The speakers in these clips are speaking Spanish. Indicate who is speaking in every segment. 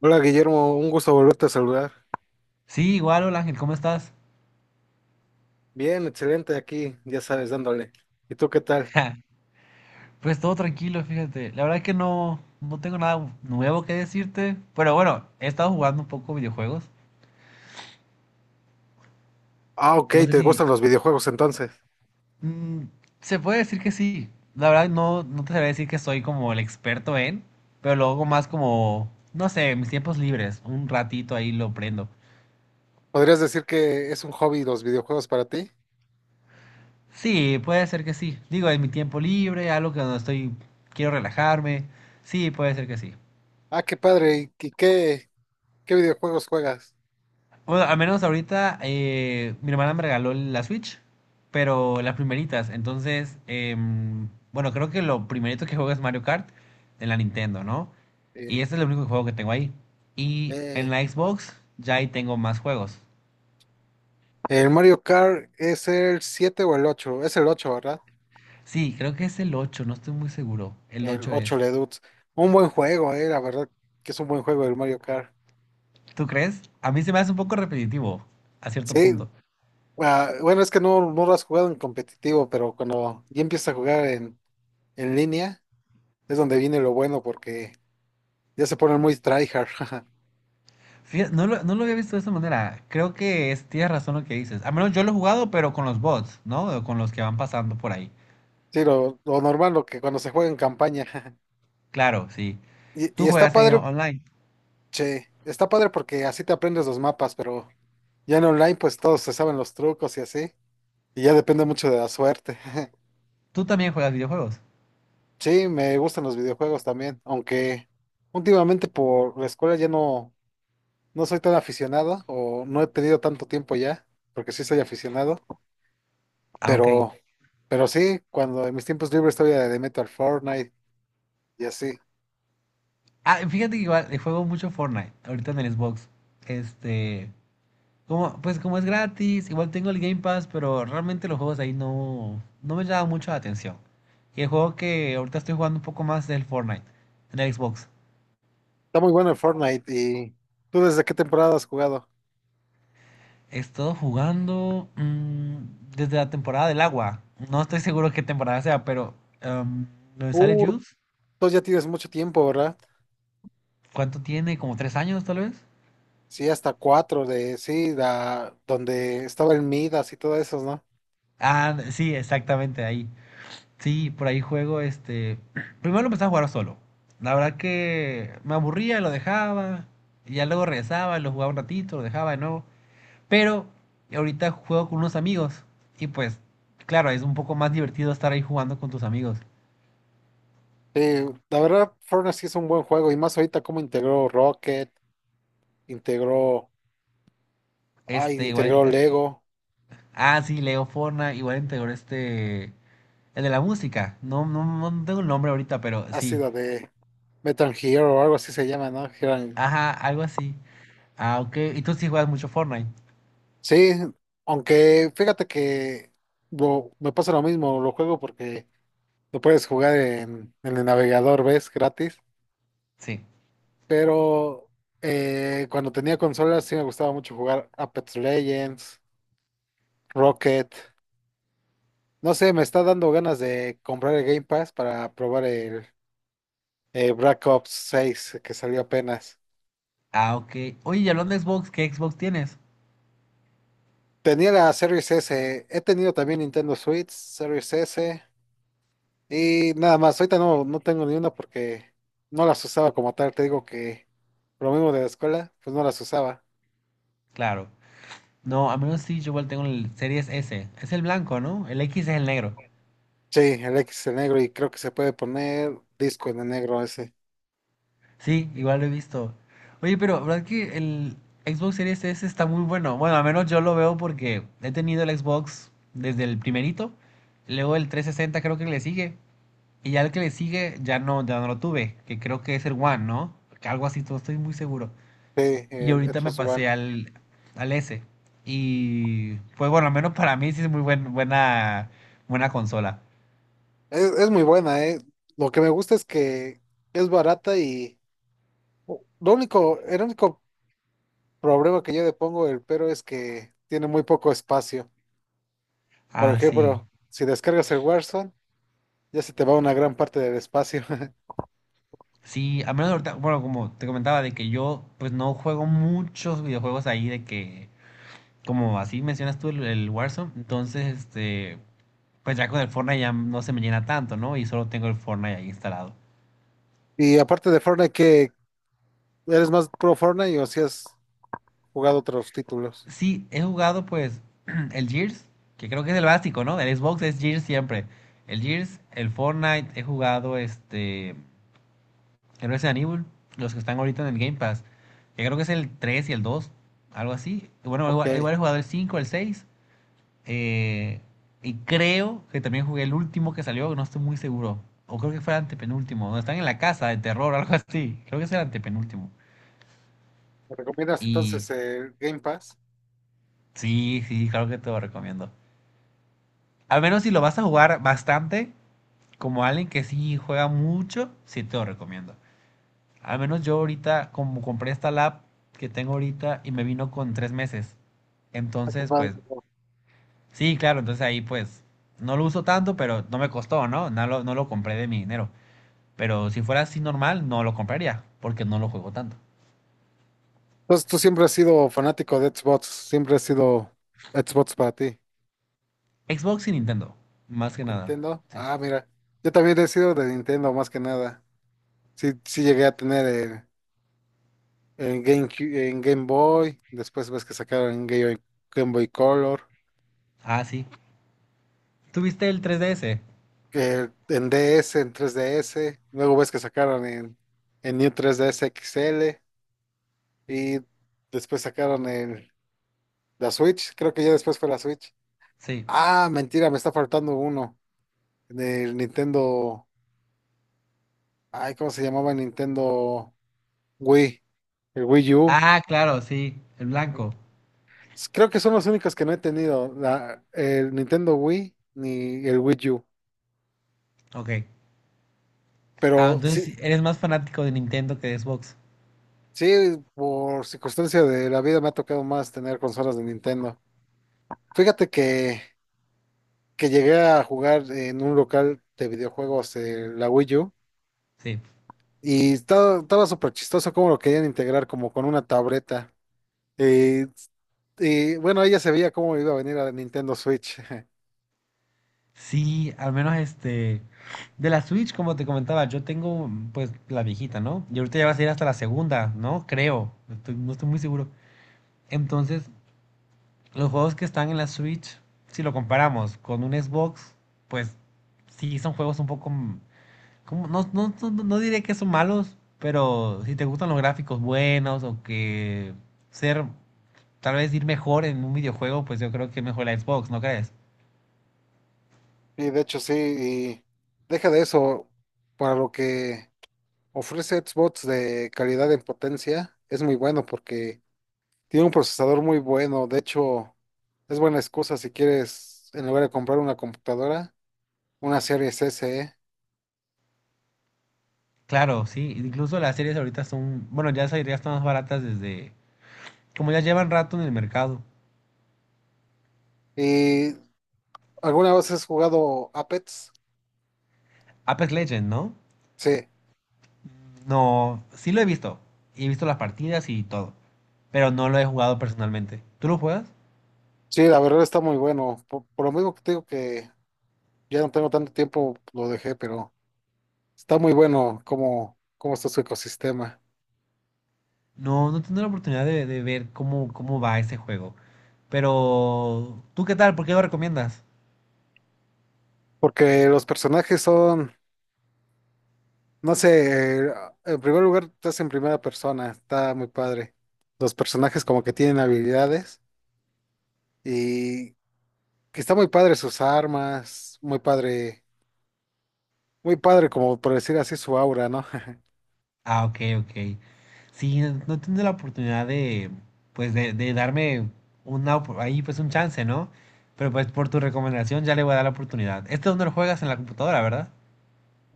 Speaker 1: Hola Guillermo, un gusto volverte a saludar.
Speaker 2: Sí, igual, hola Ángel, ¿cómo estás?
Speaker 1: Bien, excelente aquí, ya sabes, dándole. ¿Y tú qué tal?
Speaker 2: Pues todo tranquilo, fíjate. La verdad que no tengo nada nuevo que decirte. Pero bueno, he estado jugando un poco videojuegos.
Speaker 1: Ah, ok,
Speaker 2: No sé
Speaker 1: ¿te
Speaker 2: si
Speaker 1: gustan los videojuegos entonces?
Speaker 2: mm, se puede decir que sí. La verdad no te sabría decir que soy como el experto en, pero lo hago más como, no sé, en mis tiempos libres. Un ratito ahí lo prendo.
Speaker 1: ¿Podrías decir que es un hobby los videojuegos para ti?
Speaker 2: Sí, puede ser que sí. Digo, en mi tiempo libre, algo que no estoy, quiero relajarme. Sí, puede ser que sí.
Speaker 1: Ah, qué padre, ¿y qué videojuegos juegas?
Speaker 2: Bueno, al menos ahorita mi hermana me regaló la Switch, pero las primeritas. Entonces, bueno, creo que lo primerito que juego es Mario Kart en la Nintendo, ¿no?
Speaker 1: Eh,
Speaker 2: Y este es el único juego que tengo ahí. Y en
Speaker 1: eh,
Speaker 2: la Xbox ya ahí tengo más juegos.
Speaker 1: el Mario Kart es el 7 o el 8, es el 8, ¿verdad?
Speaker 2: Sí, creo que es el 8. No estoy muy seguro. El
Speaker 1: El
Speaker 2: ocho
Speaker 1: ocho
Speaker 2: es.
Speaker 1: Leduc. Un buen juego, la verdad que es un buen juego el Mario Kart.
Speaker 2: ¿Tú crees? A mí se me hace un poco repetitivo, a cierto
Speaker 1: Sí,
Speaker 2: punto.
Speaker 1: ah, bueno, es que no lo has jugado en competitivo, pero cuando ya empiezas a jugar en, línea. Es donde viene lo bueno porque ya se ponen muy tryhard.
Speaker 2: No lo había visto de esa manera. Creo que es, tienes razón lo que dices. Al menos yo lo he jugado, pero con los bots, ¿no? O con los que van pasando por ahí.
Speaker 1: Sí, lo normal, lo que cuando se juega en campaña.
Speaker 2: Claro, sí.
Speaker 1: Y,
Speaker 2: Tú
Speaker 1: y está
Speaker 2: juegas en
Speaker 1: padre,
Speaker 2: online.
Speaker 1: che, está padre porque así te aprendes los mapas, pero ya en online pues todos se saben los trucos y así. Y ya depende mucho de la suerte.
Speaker 2: Tú también juegas videojuegos.
Speaker 1: Sí, me gustan los videojuegos también, aunque últimamente por la escuela ya no soy tan aficionado o no he tenido tanto tiempo ya, porque sí soy aficionado,
Speaker 2: Ah, ok.
Speaker 1: pero, pero sí, cuando en mis tiempos libres todavía le meto al Fortnite y así.
Speaker 2: Ah, fíjate que igual juego mucho Fortnite ahorita en el Xbox. Este, como, pues como es gratis, igual tengo el Game Pass, pero realmente los juegos ahí no me llaman mucho la atención. Y el juego que ahorita estoy jugando un poco más es el Fortnite en el Xbox.
Speaker 1: Está muy bueno el Fortnite. ¿Y tú desde qué temporada has jugado?
Speaker 2: He estado jugando desde la temporada del agua. No estoy seguro qué temporada sea, pero em, lo de sale
Speaker 1: Uh,
Speaker 2: Juice,
Speaker 1: Tú ya tienes mucho tiempo, ¿verdad?
Speaker 2: ¿cuánto tiene? ¿Como 3 años tal vez?
Speaker 1: Sí, hasta cuatro de sí, donde estaba el Midas y todo eso, ¿no?
Speaker 2: Ah, sí, exactamente ahí. Sí, por ahí juego este. Primero lo empecé a jugar solo. La verdad que me aburría, lo dejaba. Y ya luego regresaba, lo jugaba un ratito, lo dejaba de nuevo. Pero ahorita juego con unos amigos. Y pues, claro, es un poco más divertido estar ahí jugando con tus amigos.
Speaker 1: Sí, la verdad, Fortnite sí es un buen juego. Y más ahorita como integró Rocket, integró,
Speaker 2: Este, igual.
Speaker 1: integró Lego,
Speaker 2: Ah, sí, Leo Forna, igual integró este. El de la música. No, no tengo el nombre ahorita, pero
Speaker 1: ha
Speaker 2: sí.
Speaker 1: sido de Metal Hero o algo así se llama, ¿no?
Speaker 2: Ajá, algo así. Ah, ok. Y tú sí juegas mucho Fortnite.
Speaker 1: Sí, aunque fíjate que me pasa lo mismo, lo juego porque lo puedes jugar en el navegador, ¿ves? Gratis.
Speaker 2: Sí.
Speaker 1: Pero cuando tenía consolas sí me gustaba mucho jugar Apex Legends, Rocket. No sé, me está dando ganas de comprar el Game Pass para probar el Black Ops 6 que salió apenas.
Speaker 2: Ah, ok. Oye, y hablando de Xbox, ¿qué Xbox tienes?
Speaker 1: Tenía la Series S, he tenido también Nintendo Switch, Series S y nada más. Ahorita no tengo ni una porque no las usaba como tal. Te digo que por lo mismo de la escuela, pues no las usaba.
Speaker 2: Claro. No, a menos sí, yo igual tengo el Series S. Es el blanco, ¿no? El X es el negro.
Speaker 1: Sí, el X en negro y creo que se puede poner disco en el negro ese.
Speaker 2: Sí, igual lo he visto. Oye, pero ¿verdad que el Xbox Series S está muy bueno? Bueno, al menos yo lo veo porque he tenido el Xbox desde el primerito, luego el 360 creo que le sigue, y ya el que le sigue ya no, ya no lo tuve, que creo que es el One, ¿no? Que algo así, no estoy muy seguro.
Speaker 1: Sí,
Speaker 2: Y
Speaker 1: el
Speaker 2: ahorita me
Speaker 1: Xbox
Speaker 2: pasé
Speaker 1: One.
Speaker 2: al, al S. Y pues bueno, al menos para mí sí es buena, buena consola.
Speaker 1: Es muy buena, ¿eh? Lo que me gusta es que es barata y lo único, el único problema que yo le pongo el pero es que tiene muy poco espacio. Por
Speaker 2: Ah, sí.
Speaker 1: ejemplo, si descargas el Warzone, ya se te va una gran parte del espacio.
Speaker 2: Sí, al menos ahorita, bueno, como te comentaba, de que yo pues no juego muchos videojuegos ahí, de que, como así mencionas tú el Warzone, entonces, este, pues ya con el Fortnite ya no se me llena tanto, ¿no? Y solo tengo el Fortnite ahí instalado.
Speaker 1: ¿Y aparte de Fortnite, que eres más pro Fortnite o si has jugado otros títulos?
Speaker 2: Sí, he jugado pues el Gears, que creo que es el básico, ¿no? El Xbox es Gears siempre. El Gears, el Fortnite, he jugado este el Resident Evil, los que están ahorita en el Game Pass, que creo que es el 3 y el 2, algo así. Y bueno,
Speaker 1: Ok.
Speaker 2: igual,
Speaker 1: ¿Me
Speaker 2: igual he jugado el 5, el 6, eh, y creo que también jugué el último que salió, no estoy muy seguro. O creo que fue el antepenúltimo, donde están en la casa de terror, algo así. Creo que es el antepenúltimo.
Speaker 1: recomiendas
Speaker 2: Y
Speaker 1: entonces el Game Pass?
Speaker 2: sí, sí, claro que te lo recomiendo. Al menos si lo vas a jugar bastante, como alguien que sí juega mucho, sí te lo recomiendo. Al menos yo ahorita, como compré esta lap que tengo ahorita y me vino con 3 meses.
Speaker 1: Ah, qué
Speaker 2: Entonces,
Speaker 1: padre.
Speaker 2: pues, sí, claro, entonces ahí pues no lo uso tanto, pero no me costó, ¿no? No lo compré de mi dinero. Pero si fuera así normal, no lo compraría, porque no lo juego tanto.
Speaker 1: Entonces tú siempre has sido fanático de Xbox, siempre has sido Xbox para ti.
Speaker 2: Xbox y Nintendo, más que nada.
Speaker 1: Nintendo.
Speaker 2: Sí.
Speaker 1: Ah, mira. Yo también he sido de Nintendo más que nada. Sí, sí llegué a tener el GameCube, en Game Boy. Después ves que sacaron en Game Boy Color.
Speaker 2: Ah, sí. ¿Tuviste el 3DS?
Speaker 1: Que en DS, en 3DS. Luego ves que sacaron en, New 3DS XL. Y después sacaron el, la Switch. Creo que ya después fue la Switch.
Speaker 2: Sí.
Speaker 1: Ah, mentira, me está faltando uno del Nintendo. Ay, ¿cómo se llamaba? El Nintendo Wii. El Wii U.
Speaker 2: Ah, claro, sí, el blanco.
Speaker 1: Creo que son los únicos que no he tenido, el Nintendo Wii ni el Wii U.
Speaker 2: Ok. Ah,
Speaker 1: Pero
Speaker 2: entonces
Speaker 1: sí,
Speaker 2: sí, eres más fanático de Nintendo que de Xbox.
Speaker 1: sí, por circunstancia de la vida me ha tocado más tener consolas de Nintendo. Fíjate que, llegué a jugar en un local de videojuegos la Wii U
Speaker 2: Sí.
Speaker 1: y estaba súper chistoso cómo lo querían integrar como con una tableta. Y, y bueno, ella se veía cómo iba a venir a Nintendo Switch.
Speaker 2: Sí, al menos este. De la Switch, como te comentaba, yo tengo pues la viejita, ¿no? Y ahorita ya vas a ir hasta la segunda, ¿no? Creo. Estoy- no estoy muy seguro. Entonces, los juegos que están en la Switch, si lo comparamos con un Xbox, pues sí son juegos un poco. Como- no diré que son malos, pero si te gustan los gráficos buenos o que ser tal vez ir mejor en un videojuego, pues yo creo que mejor la Xbox, ¿no crees?
Speaker 1: Y de hecho sí, y deja de eso, para lo que... Ofrece Xbox de calidad en potencia. Es muy bueno porque tiene un procesador muy bueno. De hecho, es buena excusa si quieres, en lugar de comprar una computadora, una Series S, ¿eh?
Speaker 2: Claro, sí, incluso las series ahorita son, bueno, ya esas ya están más baratas desde, como ya llevan rato en el mercado.
Speaker 1: ¿Y alguna vez has jugado Apex?
Speaker 2: Apex Legends, ¿no?
Speaker 1: Sí,
Speaker 2: No, sí lo he visto, y he visto las partidas y todo, pero no lo he jugado personalmente. ¿Tú lo juegas?
Speaker 1: sí, la verdad está muy bueno. Por lo mismo que te digo que ya no tengo tanto tiempo, lo dejé, pero está muy bueno cómo, está su ecosistema.
Speaker 2: No, no he tenido la oportunidad de ver cómo, cómo va ese juego. Pero, ¿tú qué tal? ¿Por qué lo recomiendas?
Speaker 1: Porque los personajes son, no sé, en primer lugar, estás en primera persona, está muy padre. Los personajes como que tienen habilidades y que está muy padre sus armas, muy padre como por decir así su aura, ¿no?
Speaker 2: Ah, ok, ok. Sí, no, no tendré la oportunidad de, pues, de darme una, ahí, pues, un chance, ¿no? Pero, pues, por tu recomendación ya le voy a dar la oportunidad. Este donde lo juegas en la computadora, ¿verdad?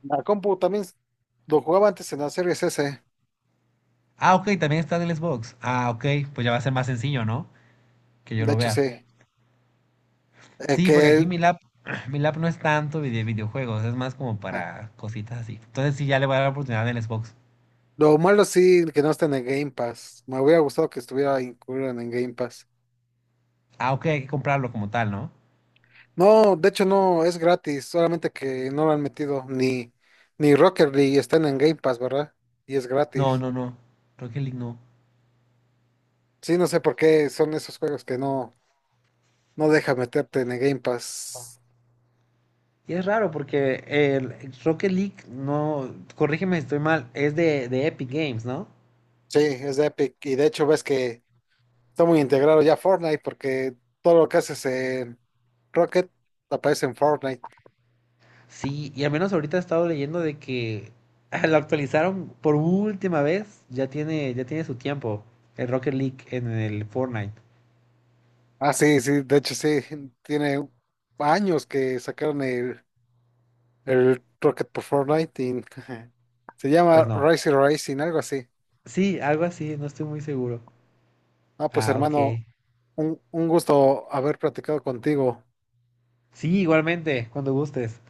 Speaker 1: La compu también lo jugaba antes en la Series S,
Speaker 2: Ah, ok, también está en el Xbox. Ah, ok, pues ya va a ser más sencillo, ¿no? Que yo
Speaker 1: de
Speaker 2: lo
Speaker 1: hecho
Speaker 2: vea.
Speaker 1: sí. Eh,
Speaker 2: Sí, porque aquí
Speaker 1: que
Speaker 2: mi lap, mi lap no es tanto de videojuegos, es más como
Speaker 1: ah,
Speaker 2: para cositas así. Entonces sí, ya le voy a dar la oportunidad en el Xbox.
Speaker 1: lo malo sí que no está en el Game Pass. Me hubiera gustado que estuviera incluido en el Game Pass.
Speaker 2: Ah, ok, hay que comprarlo como tal, ¿no?
Speaker 1: No, de hecho no, es gratis, solamente que no lo han metido ni Rocket League están en Game Pass, ¿verdad? Y es
Speaker 2: No,
Speaker 1: gratis.
Speaker 2: no, no. Rocket League no.
Speaker 1: Sí, no sé por qué son esos juegos que no deja meterte en el Game Pass.
Speaker 2: Y es raro porque el Rocket League, no, corrígeme si estoy mal, es de Epic Games, ¿no?
Speaker 1: Sí, es de Epic. Y de hecho ves que está muy integrado ya Fortnite porque todo lo que haces en Rocket aparece en Fortnite.
Speaker 2: Sí, y al menos ahorita he estado leyendo de que lo actualizaron por última vez, ya tiene su tiempo, el Rocket League en el Fortnite.
Speaker 1: Ah, sí, sí, de hecho sí, tiene años que sacaron el Rocket por Fortnite y se
Speaker 2: Pues
Speaker 1: llama
Speaker 2: no.
Speaker 1: Racing Racing, algo así.
Speaker 2: Sí, algo así, no estoy muy seguro.
Speaker 1: Ah, pues
Speaker 2: Ah,
Speaker 1: hermano,
Speaker 2: ok.
Speaker 1: un gusto haber platicado contigo.
Speaker 2: Sí, igualmente, cuando gustes.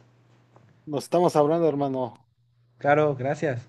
Speaker 1: Nos estamos hablando, hermano.
Speaker 2: Claro, gracias.